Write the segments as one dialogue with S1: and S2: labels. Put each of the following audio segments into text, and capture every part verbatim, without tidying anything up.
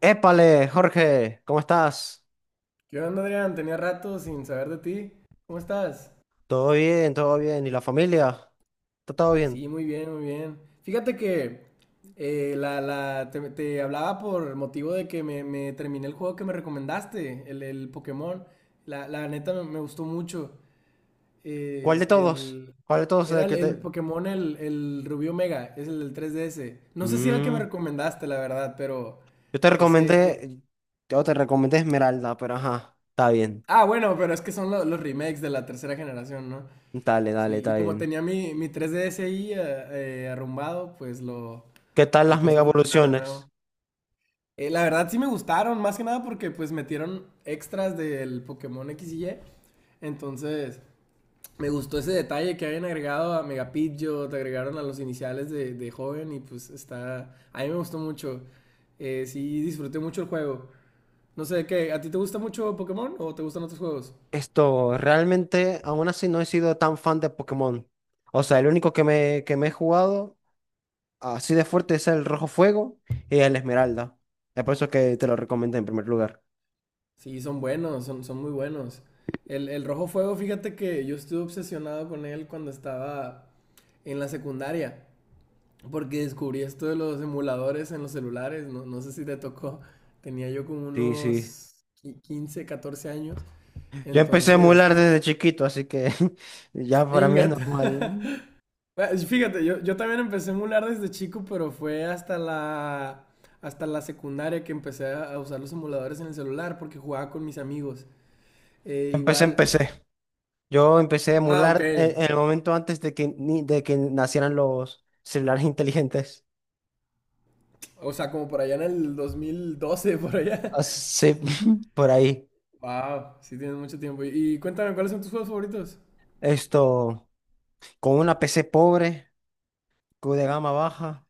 S1: Épale, Jorge, ¿cómo estás?
S2: ¿Qué onda, Adrián? Tenía rato sin saber de ti. ¿Cómo estás?
S1: Todo bien, todo bien. ¿Y la familia? ¿Está todo bien?
S2: Sí, muy bien, muy bien. Fíjate que eh, la, la- te, te hablaba por motivo de que me, me terminé el juego que me recomendaste, el, el Pokémon. La, la neta me, me gustó mucho.
S1: ¿Cuál de
S2: El,
S1: todos?
S2: el-
S1: ¿Cuál de todos es
S2: era
S1: el
S2: el,
S1: que
S2: el
S1: te...
S2: Pokémon, el, el Rubí Omega, es el del tres D S. No sé si era el que me
S1: Mm,
S2: recomendaste, la verdad, pero
S1: yo te
S2: ese es...
S1: recomendé, yo te recomendé Esmeralda, pero ajá, está bien.
S2: Ah, bueno, pero es que son lo- los remakes de la tercera generación, ¿no?
S1: Dale, dale,
S2: Sí, y
S1: está
S2: como
S1: bien.
S2: tenía mi, mi tres D S ahí eh, eh, arrumbado, pues lo,
S1: ¿Qué tal
S2: lo
S1: las
S2: puse
S1: mega
S2: a funcionar de
S1: evoluciones?
S2: nuevo. Eh, la verdad sí me gustaron, más que nada porque pues metieron extras del Pokémon X y Y. Entonces, me gustó ese detalle que hayan agregado a Mega Pidgeot, agregaron a los iniciales de, de joven y pues está... A mí me gustó mucho. Eh, sí, disfruté mucho el juego. No sé, ¿qué? ¿A ti te gusta mucho Pokémon o te gustan otros juegos?
S1: Esto, realmente, aún así no he sido tan fan de Pokémon. O sea, el único que me, que me he jugado así de fuerte es el Rojo Fuego y el Esmeralda. Es por eso que te lo recomendé en primer lugar.
S2: Sí, son buenos, son, son muy buenos. El, el Rojo Fuego, fíjate que yo estuve obsesionado con él cuando estaba en la secundaria, porque descubrí esto de los emuladores en los celulares, no, no sé si te tocó, tenía yo como
S1: Sí, sí.
S2: unos qui- quince, catorce años,
S1: Yo empecé a
S2: entonces,
S1: emular desde chiquito, así que ya para mí es
S2: ingat.
S1: normal.
S2: Bueno, fíjate, yo, yo también empecé a emular desde chico, pero fue hasta la, hasta la secundaria que empecé a a usar los emuladores en el celular, porque jugaba con mis amigos. Eh,
S1: Empecé,
S2: igual...
S1: empecé. Yo empecé a
S2: Ah, ok.
S1: emular en, en el momento antes de que, ni- de que nacieran los celulares inteligentes.
S2: O sea, como por allá en el dos mil doce, por allá.
S1: Así, por ahí.
S2: Wow, sí tienes mucho tiempo. Y, y cuéntame, ¿cuáles son tus juegos favoritos?
S1: Esto, con una P C pobre, cu- de gama baja,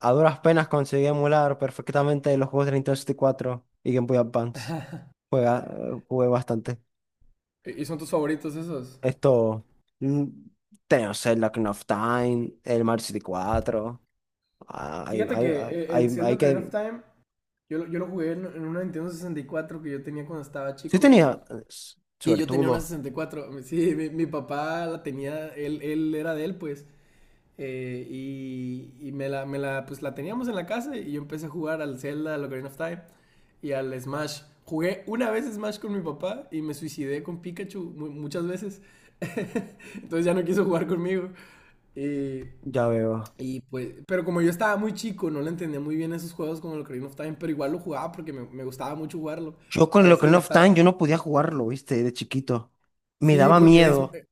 S1: a duras penas conseguí emular perfectamente los juegos de Nintendo sesenta y cuatro y cuatro y Game Boy Advance. Juega, jugué bastante.
S2: ¿Y y son tus favoritos esos?
S1: Esto, mm, tengo Zelda Ocarina of Time, el Mario sesenta y cuatro. Ah, Hay,
S2: Fíjate que
S1: hay, hay,
S2: eh, el
S1: hay-
S2: Zelda
S1: hay
S2: Ocarina of
S1: que...
S2: Time, yo, lo- yo lo jugué en, en una Nintendo sesenta y cuatro que yo tenía cuando estaba
S1: Sí
S2: chico.
S1: tenía eh, s-
S2: Sí, yo tenía una
S1: suertudo,
S2: sesenta y cuatro. Sí, mi, mi papá la tenía, él, él era de él, pues. Eh, y y me, la, me la, pues la teníamos en la casa y yo empecé a jugar al Zelda, al Ocarina of Time y al Smash. Jugué una vez Smash con mi papá y me suicidé con Pikachu mu- muchas veces. Entonces ya no quiso jugar conmigo. Y,
S1: ya veo.
S2: y, pues, pero como yo estaba muy chico, no le entendía muy bien esos juegos como el Ocarina of Time, pero igual lo jugaba porque me, me gustaba mucho jugarlo.
S1: Yo con
S2: A
S1: el
S2: ese y el
S1: Ocarina of
S2: Star,
S1: Time, yo no podía jugarlo, ¿viste? De chiquito. Me
S2: sí,
S1: daba
S2: porque es...
S1: miedo.
S2: eh,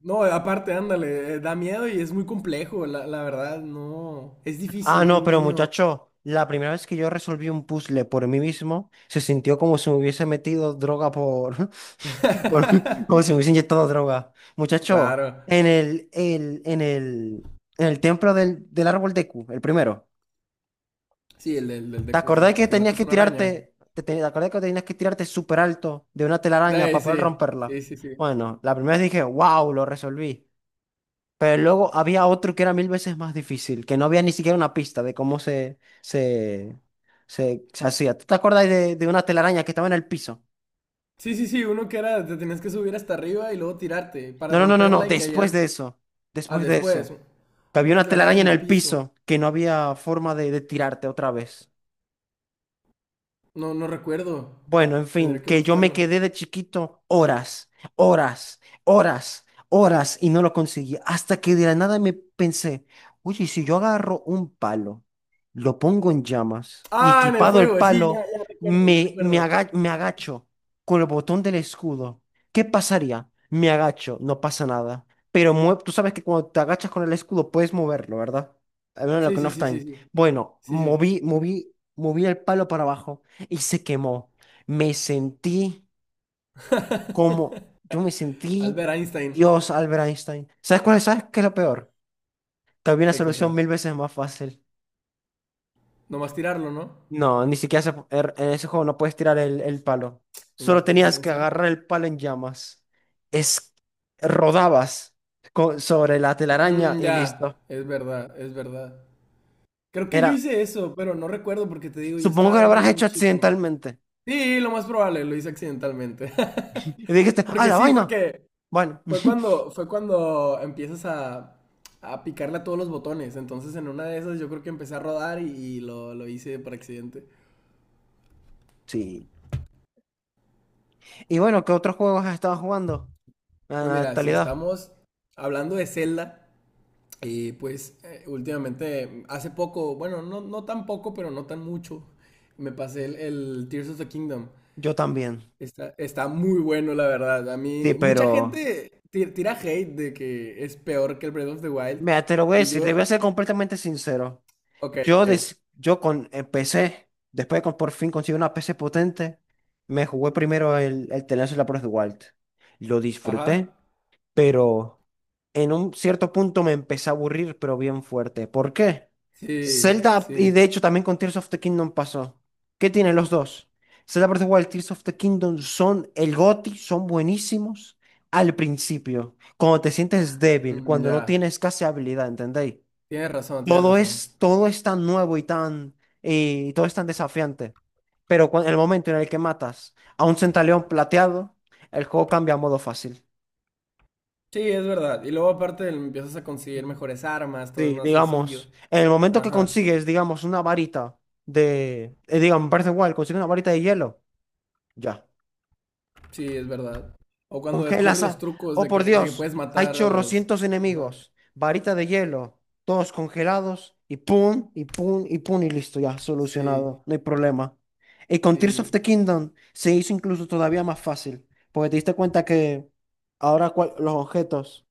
S2: No, aparte, ándale, eh, da miedo y es muy complejo, la, la verdad, no. Es
S1: Ah,
S2: difícil que
S1: no,
S2: un
S1: pero
S2: niño...
S1: muchacho, la primera vez que yo resolví un puzzle por mí mismo, se sintió como si me hubiese metido droga por... por- como si me hubiese inyectado droga. Muchacho,
S2: Claro.
S1: en el, el, en el, en el templo del, del árbol Deku, el primero.
S2: Sí, el del, del
S1: ¿Te
S2: Deku, sí.
S1: acordás que
S2: Que
S1: tenías
S2: matas
S1: que
S2: una araña.
S1: tirarte, te, te- te acordás que tenías que tirarte súper alto de una telaraña
S2: Ay,
S1: para poder
S2: sí,
S1: romperla?
S2: sí, sí, sí.
S1: Bueno, la primera vez dije, wow, lo resolví. Pero luego había otro que era mil veces más difícil, que no había ni siquiera una pista de cómo se, se, se, se hacía. ¿Tú te acordás de, de una telaraña que estaba en el piso?
S2: Sí, sí, sí, uno que era, te tenías que subir hasta arriba y luego tirarte para
S1: No, no, no, no, no,
S2: romperla y
S1: después
S2: caías...
S1: de eso,
S2: Ah,
S1: después de
S2: después,
S1: eso, que había
S2: una
S1: una
S2: telaraña
S1: telaraña
S2: en
S1: en
S2: el
S1: el
S2: piso.
S1: piso que no había forma de, de tirarte otra vez.
S2: No, no recuerdo.
S1: Bueno, en fin,
S2: Tendré que
S1: que yo me
S2: buscarlo.
S1: quedé de chiquito horas, horas, horas, horas y no lo conseguí. Hasta que de la nada me pensé, oye, ¿y si yo agarro un palo, lo pongo en llamas y
S2: Ah, en el
S1: equipado el
S2: fuego, sí, ya,
S1: palo,
S2: ya recuerdo, ya
S1: me, me,
S2: recuerdo.
S1: aga- me agacho con el botón del escudo, ¿qué pasaría? Me agacho, no pasa nada. Pero mue- tú sabes que cuando te agachas con el escudo puedes moverlo, ¿verdad? Al menos en la
S2: Sí,
S1: Ocarina
S2: sí,
S1: of
S2: sí, sí,
S1: Time.
S2: sí.
S1: Bueno,
S2: Sí, sí, sí.
S1: moví, moví, moví el palo para abajo y se quemó, me sentí como, yo me sentí
S2: Albert Einstein.
S1: Dios Albert Einstein. ¿Sabes cuál es? ¿Sabes qué es lo peor? Que había una
S2: Qué
S1: solución
S2: cosa.
S1: mil veces más fácil.
S2: Nomás tirarlo, ¿no?
S1: No, ni siquiera se- er- en ese juego no puedes tirar el, el palo. Solo
S2: Eh, ¿Es
S1: tenías
S2: en
S1: que
S2: serio?
S1: agarrar el palo en llamas. Es, rodabas co- sobre la telaraña
S2: Mm,
S1: y listo.
S2: ya, es verdad, es verdad. Creo que yo
S1: Era,
S2: hice eso, pero no recuerdo porque te digo, yo
S1: supongo que
S2: estaba
S1: lo
S2: muy,
S1: habrás
S2: muy
S1: hecho
S2: chico.
S1: accidentalmente.
S2: Sí, lo más probable, lo hice accidentalmente.
S1: Y dijiste, ¡ah,
S2: Porque
S1: la
S2: sí,
S1: vaina!
S2: porque
S1: Bueno,
S2: fue cuando, fue cuando empiezas a, a picarle a todos los botones. Entonces en una de esas yo creo que empecé a rodar y, y lo, lo hice por accidente.
S1: sí. Y bueno, ¿qué otros juegos has estado jugando en
S2: Pues
S1: la
S2: mira, si
S1: actualidad?
S2: estamos hablando de Zelda, y pues eh, últimamente, hace poco, bueno, no, no tan poco, pero no tan mucho, me pasé el, el Tears of the Kingdom.
S1: Yo también.
S2: Está, está muy bueno, la verdad. A
S1: Sí,
S2: mí, mucha
S1: pero,
S2: gente ti- tira hate de que es peor que el Breath of the Wild.
S1: mira, te lo voy a
S2: Y
S1: decir, te
S2: yo,
S1: voy a ser completamente sincero.
S2: ok,
S1: Yo,
S2: ok.
S1: des- yo con el P C, después de que por fin conseguí una P C potente, me jugué primero el, el The Last of Us Wild. Lo disfruté,
S2: Ajá.
S1: pero en un cierto punto me empecé a aburrir, pero bien fuerte. ¿Por qué?
S2: Sí,
S1: Zelda, y
S2: sí.
S1: de hecho también con Tears of the Kingdom pasó. ¿Qué tienen los dos? Zelda Breath of the Wild, Tears of the Kingdom son el G O T Y, son buenísimos al principio, cuando te sientes débil,
S2: Mm,
S1: cuando
S2: ya.
S1: no tienes casi habilidad, ¿entendéis?
S2: Tienes razón, tienes
S1: Todo
S2: razón.
S1: es, todo es tan nuevo y tan, y todo es tan desafiante. Pero cuan- en el momento en el que matas a un centaleón plateado, el juego cambia a modo fácil.
S2: Sí, es verdad. Y luego aparte empiezas a conseguir mejores armas, todo es
S1: Sí,
S2: más sencillo.
S1: digamos, en el momento que
S2: Ajá.
S1: consigues, digamos, una varita de, eh, digamos, me parece igual consigue una varita de hielo, ya,
S2: Sí, es verdad. O cuando descubres
S1: congelas
S2: los
S1: a...
S2: trucos
S1: Oh,
S2: de
S1: por
S2: que, de que
S1: Dios,
S2: puedes
S1: hay
S2: matar a los...
S1: chorrocientos
S2: Ajá.
S1: enemigos, varita de hielo, todos congelados, y pum, y pum, y pum, y listo, ya,
S2: Sí,
S1: solucionado, no hay problema. Y con Tears of
S2: sí.
S1: the Kingdom se hizo incluso todavía más fácil, porque te diste cuenta que ahora cual- los objetos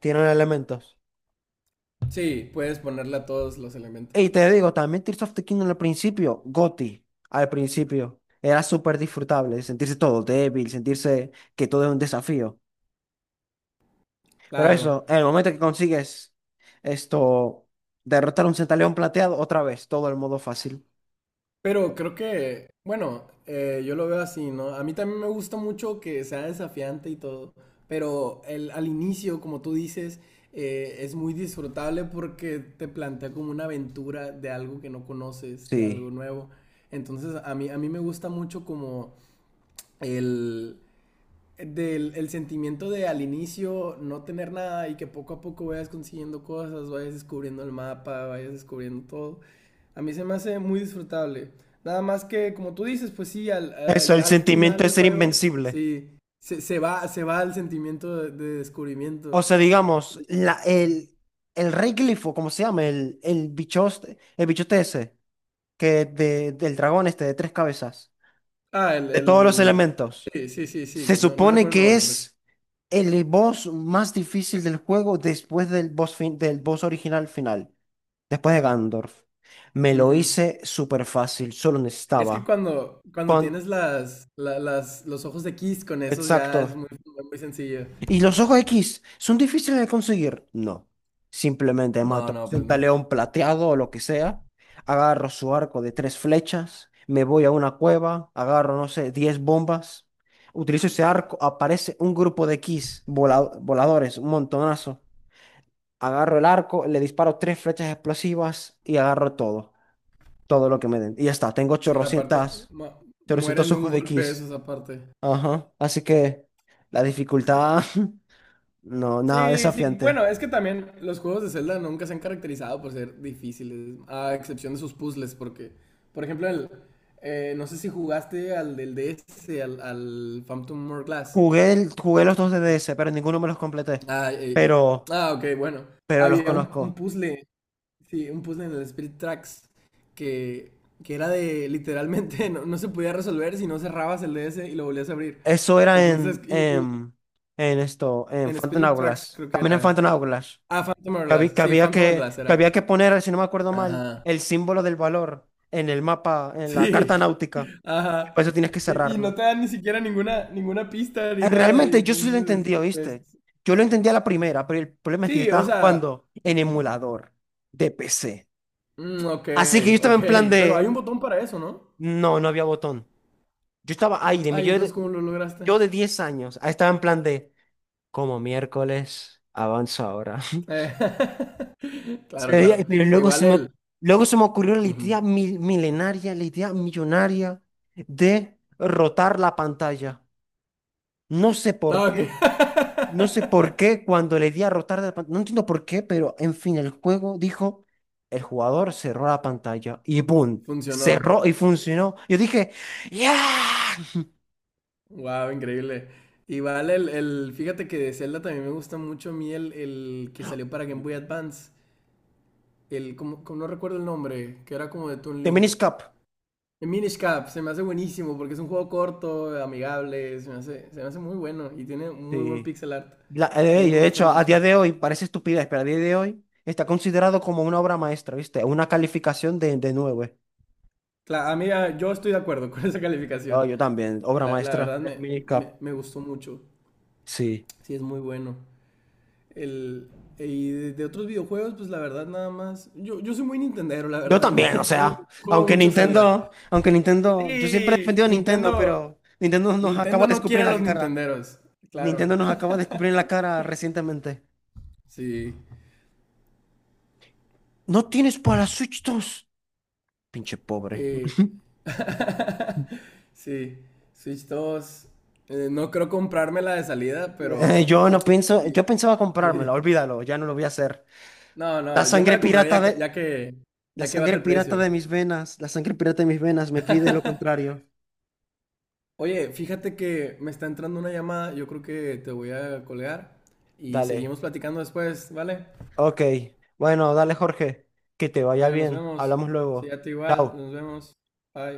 S1: tienen elementos.
S2: Sí, puedes ponerle a todos los elementos.
S1: Y te digo, también Tears of the Kingdom al principio, G O T Y, al principio, era súper disfrutable, sentirse todo débil, sentirse que todo es un desafío. Pero
S2: Claro.
S1: eso, en el momento que consigues esto, derrotar a un centaleón plateado, otra vez, todo el modo fácil.
S2: Pero creo que, bueno, eh, yo lo veo así, ¿no? A mí también me gusta mucho que sea desafiante y todo. Pero el, al inicio, como tú dices, eh, es muy disfrutable porque te plantea como una aventura de algo que no conoces, de
S1: Sí.
S2: algo nuevo. Entonces, a mí, a mí me gusta mucho como el, del el sentimiento de al inicio no tener nada y que poco a poco vayas consiguiendo cosas, vayas descubriendo el mapa, vayas descubriendo todo. A mí se me hace muy disfrutable. Nada más que, como tú dices, pues sí, al, eh,
S1: Eso, el
S2: ya al final
S1: sentimiento de
S2: del
S1: ser
S2: juego,
S1: invencible.
S2: sí, se, se va, se va el sentimiento de, de descubrimiento.
S1: O sea, digamos, la, el, el rey glifo, ¿cómo se llama? El, el bichote, el bichote ese, que de, del dragón este de tres cabezas,
S2: Ah, el,
S1: de todos los
S2: el...
S1: elementos.
S2: Sí, sí, sí,
S1: Se
S2: sí, no, no
S1: supone
S2: recuerdo el
S1: que
S2: nombre, pero sí.
S1: es el boss más difícil del juego después del boss, fin- del boss original final, después de Gandorf. Me lo
S2: Ujú.
S1: hice súper fácil, solo
S2: Es que
S1: necesitaba.
S2: cuando, cuando
S1: Con...
S2: tienes las, la- las, los ojos de Kiss con esos ya es
S1: Exacto.
S2: muy, muy sencillo.
S1: ¿Y los ojos X son difíciles de conseguir? No. Simplemente mato
S2: No, no,
S1: a
S2: pues
S1: un
S2: no.
S1: león plateado o lo que sea, agarro su arco de tres flechas, me voy a una cueva, agarro, no sé, diez bombas, utilizo ese arco, aparece un grupo de X voladores, un montonazo. Agarro el arco, le disparo tres flechas explosivas y agarro todo, todo lo que me den. Y ya está, tengo
S2: Sí, aparte,
S1: 800,
S2: ma- mueren
S1: ochocientos
S2: de un
S1: ojos de
S2: golpe
S1: Kiss.
S2: esos aparte.
S1: Ajá, así que la
S2: Sí.
S1: dificultad, no, nada
S2: Sí, sí, bueno,
S1: desafiante.
S2: es que también los juegos de Zelda nunca se han caracterizado por ser difíciles, a excepción de sus puzzles, porque, por ejemplo, el, eh, no sé si jugaste al del D S, al, al Phantom Hourglass.
S1: Jugué, el- jugué los dos D D S, pero ninguno me los completé.
S2: Ah, eh,
S1: Pero,
S2: ah, ok, bueno.
S1: pero los
S2: Había un, un
S1: conozco.
S2: puzzle, sí, un puzzle en el Spirit Tracks que, que era de literalmente no, no se podía resolver si no cerrabas el D S y lo volvías a abrir.
S1: Eso era
S2: Entonces,
S1: en,
S2: y,
S1: en, en esto, en
S2: en
S1: Phantom
S2: Spirit Tracks
S1: Hourglass.
S2: creo que
S1: También en
S2: era.
S1: Phantom Hourglass.
S2: Ah, Phantom
S1: Que habí-
S2: Hourglass.
S1: que
S2: Sí,
S1: había
S2: Phantom
S1: que,
S2: Hourglass
S1: que
S2: era.
S1: había que poner, si no me acuerdo mal,
S2: Ajá.
S1: el símbolo del valor en el mapa, en la
S2: Sí.
S1: carta náutica. Y
S2: Ajá.
S1: por eso tienes que
S2: Y, y no
S1: cerrarlo.
S2: te dan ni siquiera ninguna, ninguna pista ni
S1: Eh,
S2: nada. Y
S1: Realmente yo sí lo
S2: entonces,
S1: entendí,
S2: pues.
S1: ¿oíste? Yo lo entendí a la primera, pero el problema es
S2: Sí,
S1: que yo estaba
S2: o sea.
S1: jugando en emulador de P C.
S2: Mm, ok,
S1: Así que yo estaba
S2: ok.
S1: en plan
S2: Pero hay un
S1: de...
S2: botón para eso, ¿no?
S1: No, no había botón. Yo estaba ahí, de mi
S2: Ay,
S1: yo
S2: entonces,
S1: de,
S2: ¿cómo lo lograste?
S1: yo de diez años. Ahí estaba en plan de... Como miércoles, avanza ahora.
S2: Eh,
S1: Se
S2: Claro,
S1: veía-
S2: claro.
S1: pero
S2: E
S1: luego
S2: igual
S1: se me,
S2: él.
S1: luego se me ocurrió la
S2: Ujú.
S1: idea mil- milenaria, la idea millonaria de rotar la pantalla. No sé por
S2: Ah, ok.
S1: qué, no sé por qué cuando le di a rotar de la pantalla, no entiendo por qué, pero en fin, el juego dijo, el jugador cerró la pantalla y ¡boom!
S2: Funcionó.
S1: Cerró y funcionó. Yo dije, ya
S2: Wow, increíble. Igual el, el, fíjate que de Zelda también me gusta mucho a mí el, el que salió para Game Boy Advance. El, como, como no recuerdo el nombre, que era como de Toon
S1: The
S2: Link.
S1: Minish cup
S2: El Minish Cap, se me hace buenísimo porque es un juego corto, amigable, se me hace, se me hace muy bueno y tiene muy buen
S1: Sí.
S2: pixel art.
S1: La-
S2: A
S1: eh,
S2: mí
S1: y
S2: me
S1: de
S2: gusta
S1: hecho, a
S2: mucho.
S1: día de hoy, parece estupidez, pero a día de hoy está considerado como una obra maestra, ¿viste? Una calificación de, de nueve.
S2: Claro, a mí, ah, yo estoy de acuerdo con esa
S1: No,
S2: calificación.
S1: yo también,
S2: Sí,
S1: obra
S2: la, la
S1: maestra
S2: verdad
S1: del
S2: me, me,
S1: minicap.
S2: me gustó mucho.
S1: Sí.
S2: Sí, es muy bueno. El, y de, de otros videojuegos, pues la verdad nada más. Yo, yo soy muy Nintendero, la
S1: Yo
S2: verdad.
S1: también, o
S2: Juego,
S1: sea,
S2: juego
S1: aunque
S2: mucho Zelda.
S1: Nintendo, aunque Nintendo, yo siempre he
S2: Sí,
S1: defendido a Nintendo,
S2: Nintendo.
S1: pero Nintendo nos acaba
S2: Nintendo
S1: de
S2: no quiere
S1: escupir
S2: a
S1: la
S2: los
S1: cara.
S2: Nintenderos. Claro.
S1: Nintendo nos acaba de escupir la cara recientemente.
S2: Sí.
S1: ¿No tienes para la Switch dos? Pinche pobre.
S2: Eh, sí. Switch dos. eh, no creo comprármela de salida,
S1: Eh,
S2: pero.
S1: yo no pienso,
S2: Sí,
S1: yo pensaba comprármela,
S2: sí.
S1: olvídalo, ya no lo voy a hacer.
S2: No,
S1: La
S2: no, yo me
S1: sangre
S2: la compraría
S1: pirata
S2: ya que,
S1: de,
S2: ya que,
S1: la
S2: ya que baje
S1: sangre
S2: el
S1: pirata
S2: precio.
S1: de mis venas, la sangre pirata de mis venas me pide lo contrario.
S2: Oye, fíjate que me está entrando una llamada, yo creo que te voy a colgar y
S1: Dale.
S2: seguimos platicando después, ¿vale?
S1: Ok. Bueno, dale, Jorge. Que te vaya
S2: Bueno, nos
S1: bien.
S2: vemos.
S1: Hablamos
S2: Sí,
S1: luego.
S2: a ti igual,
S1: Chao.
S2: nos vemos. Bye.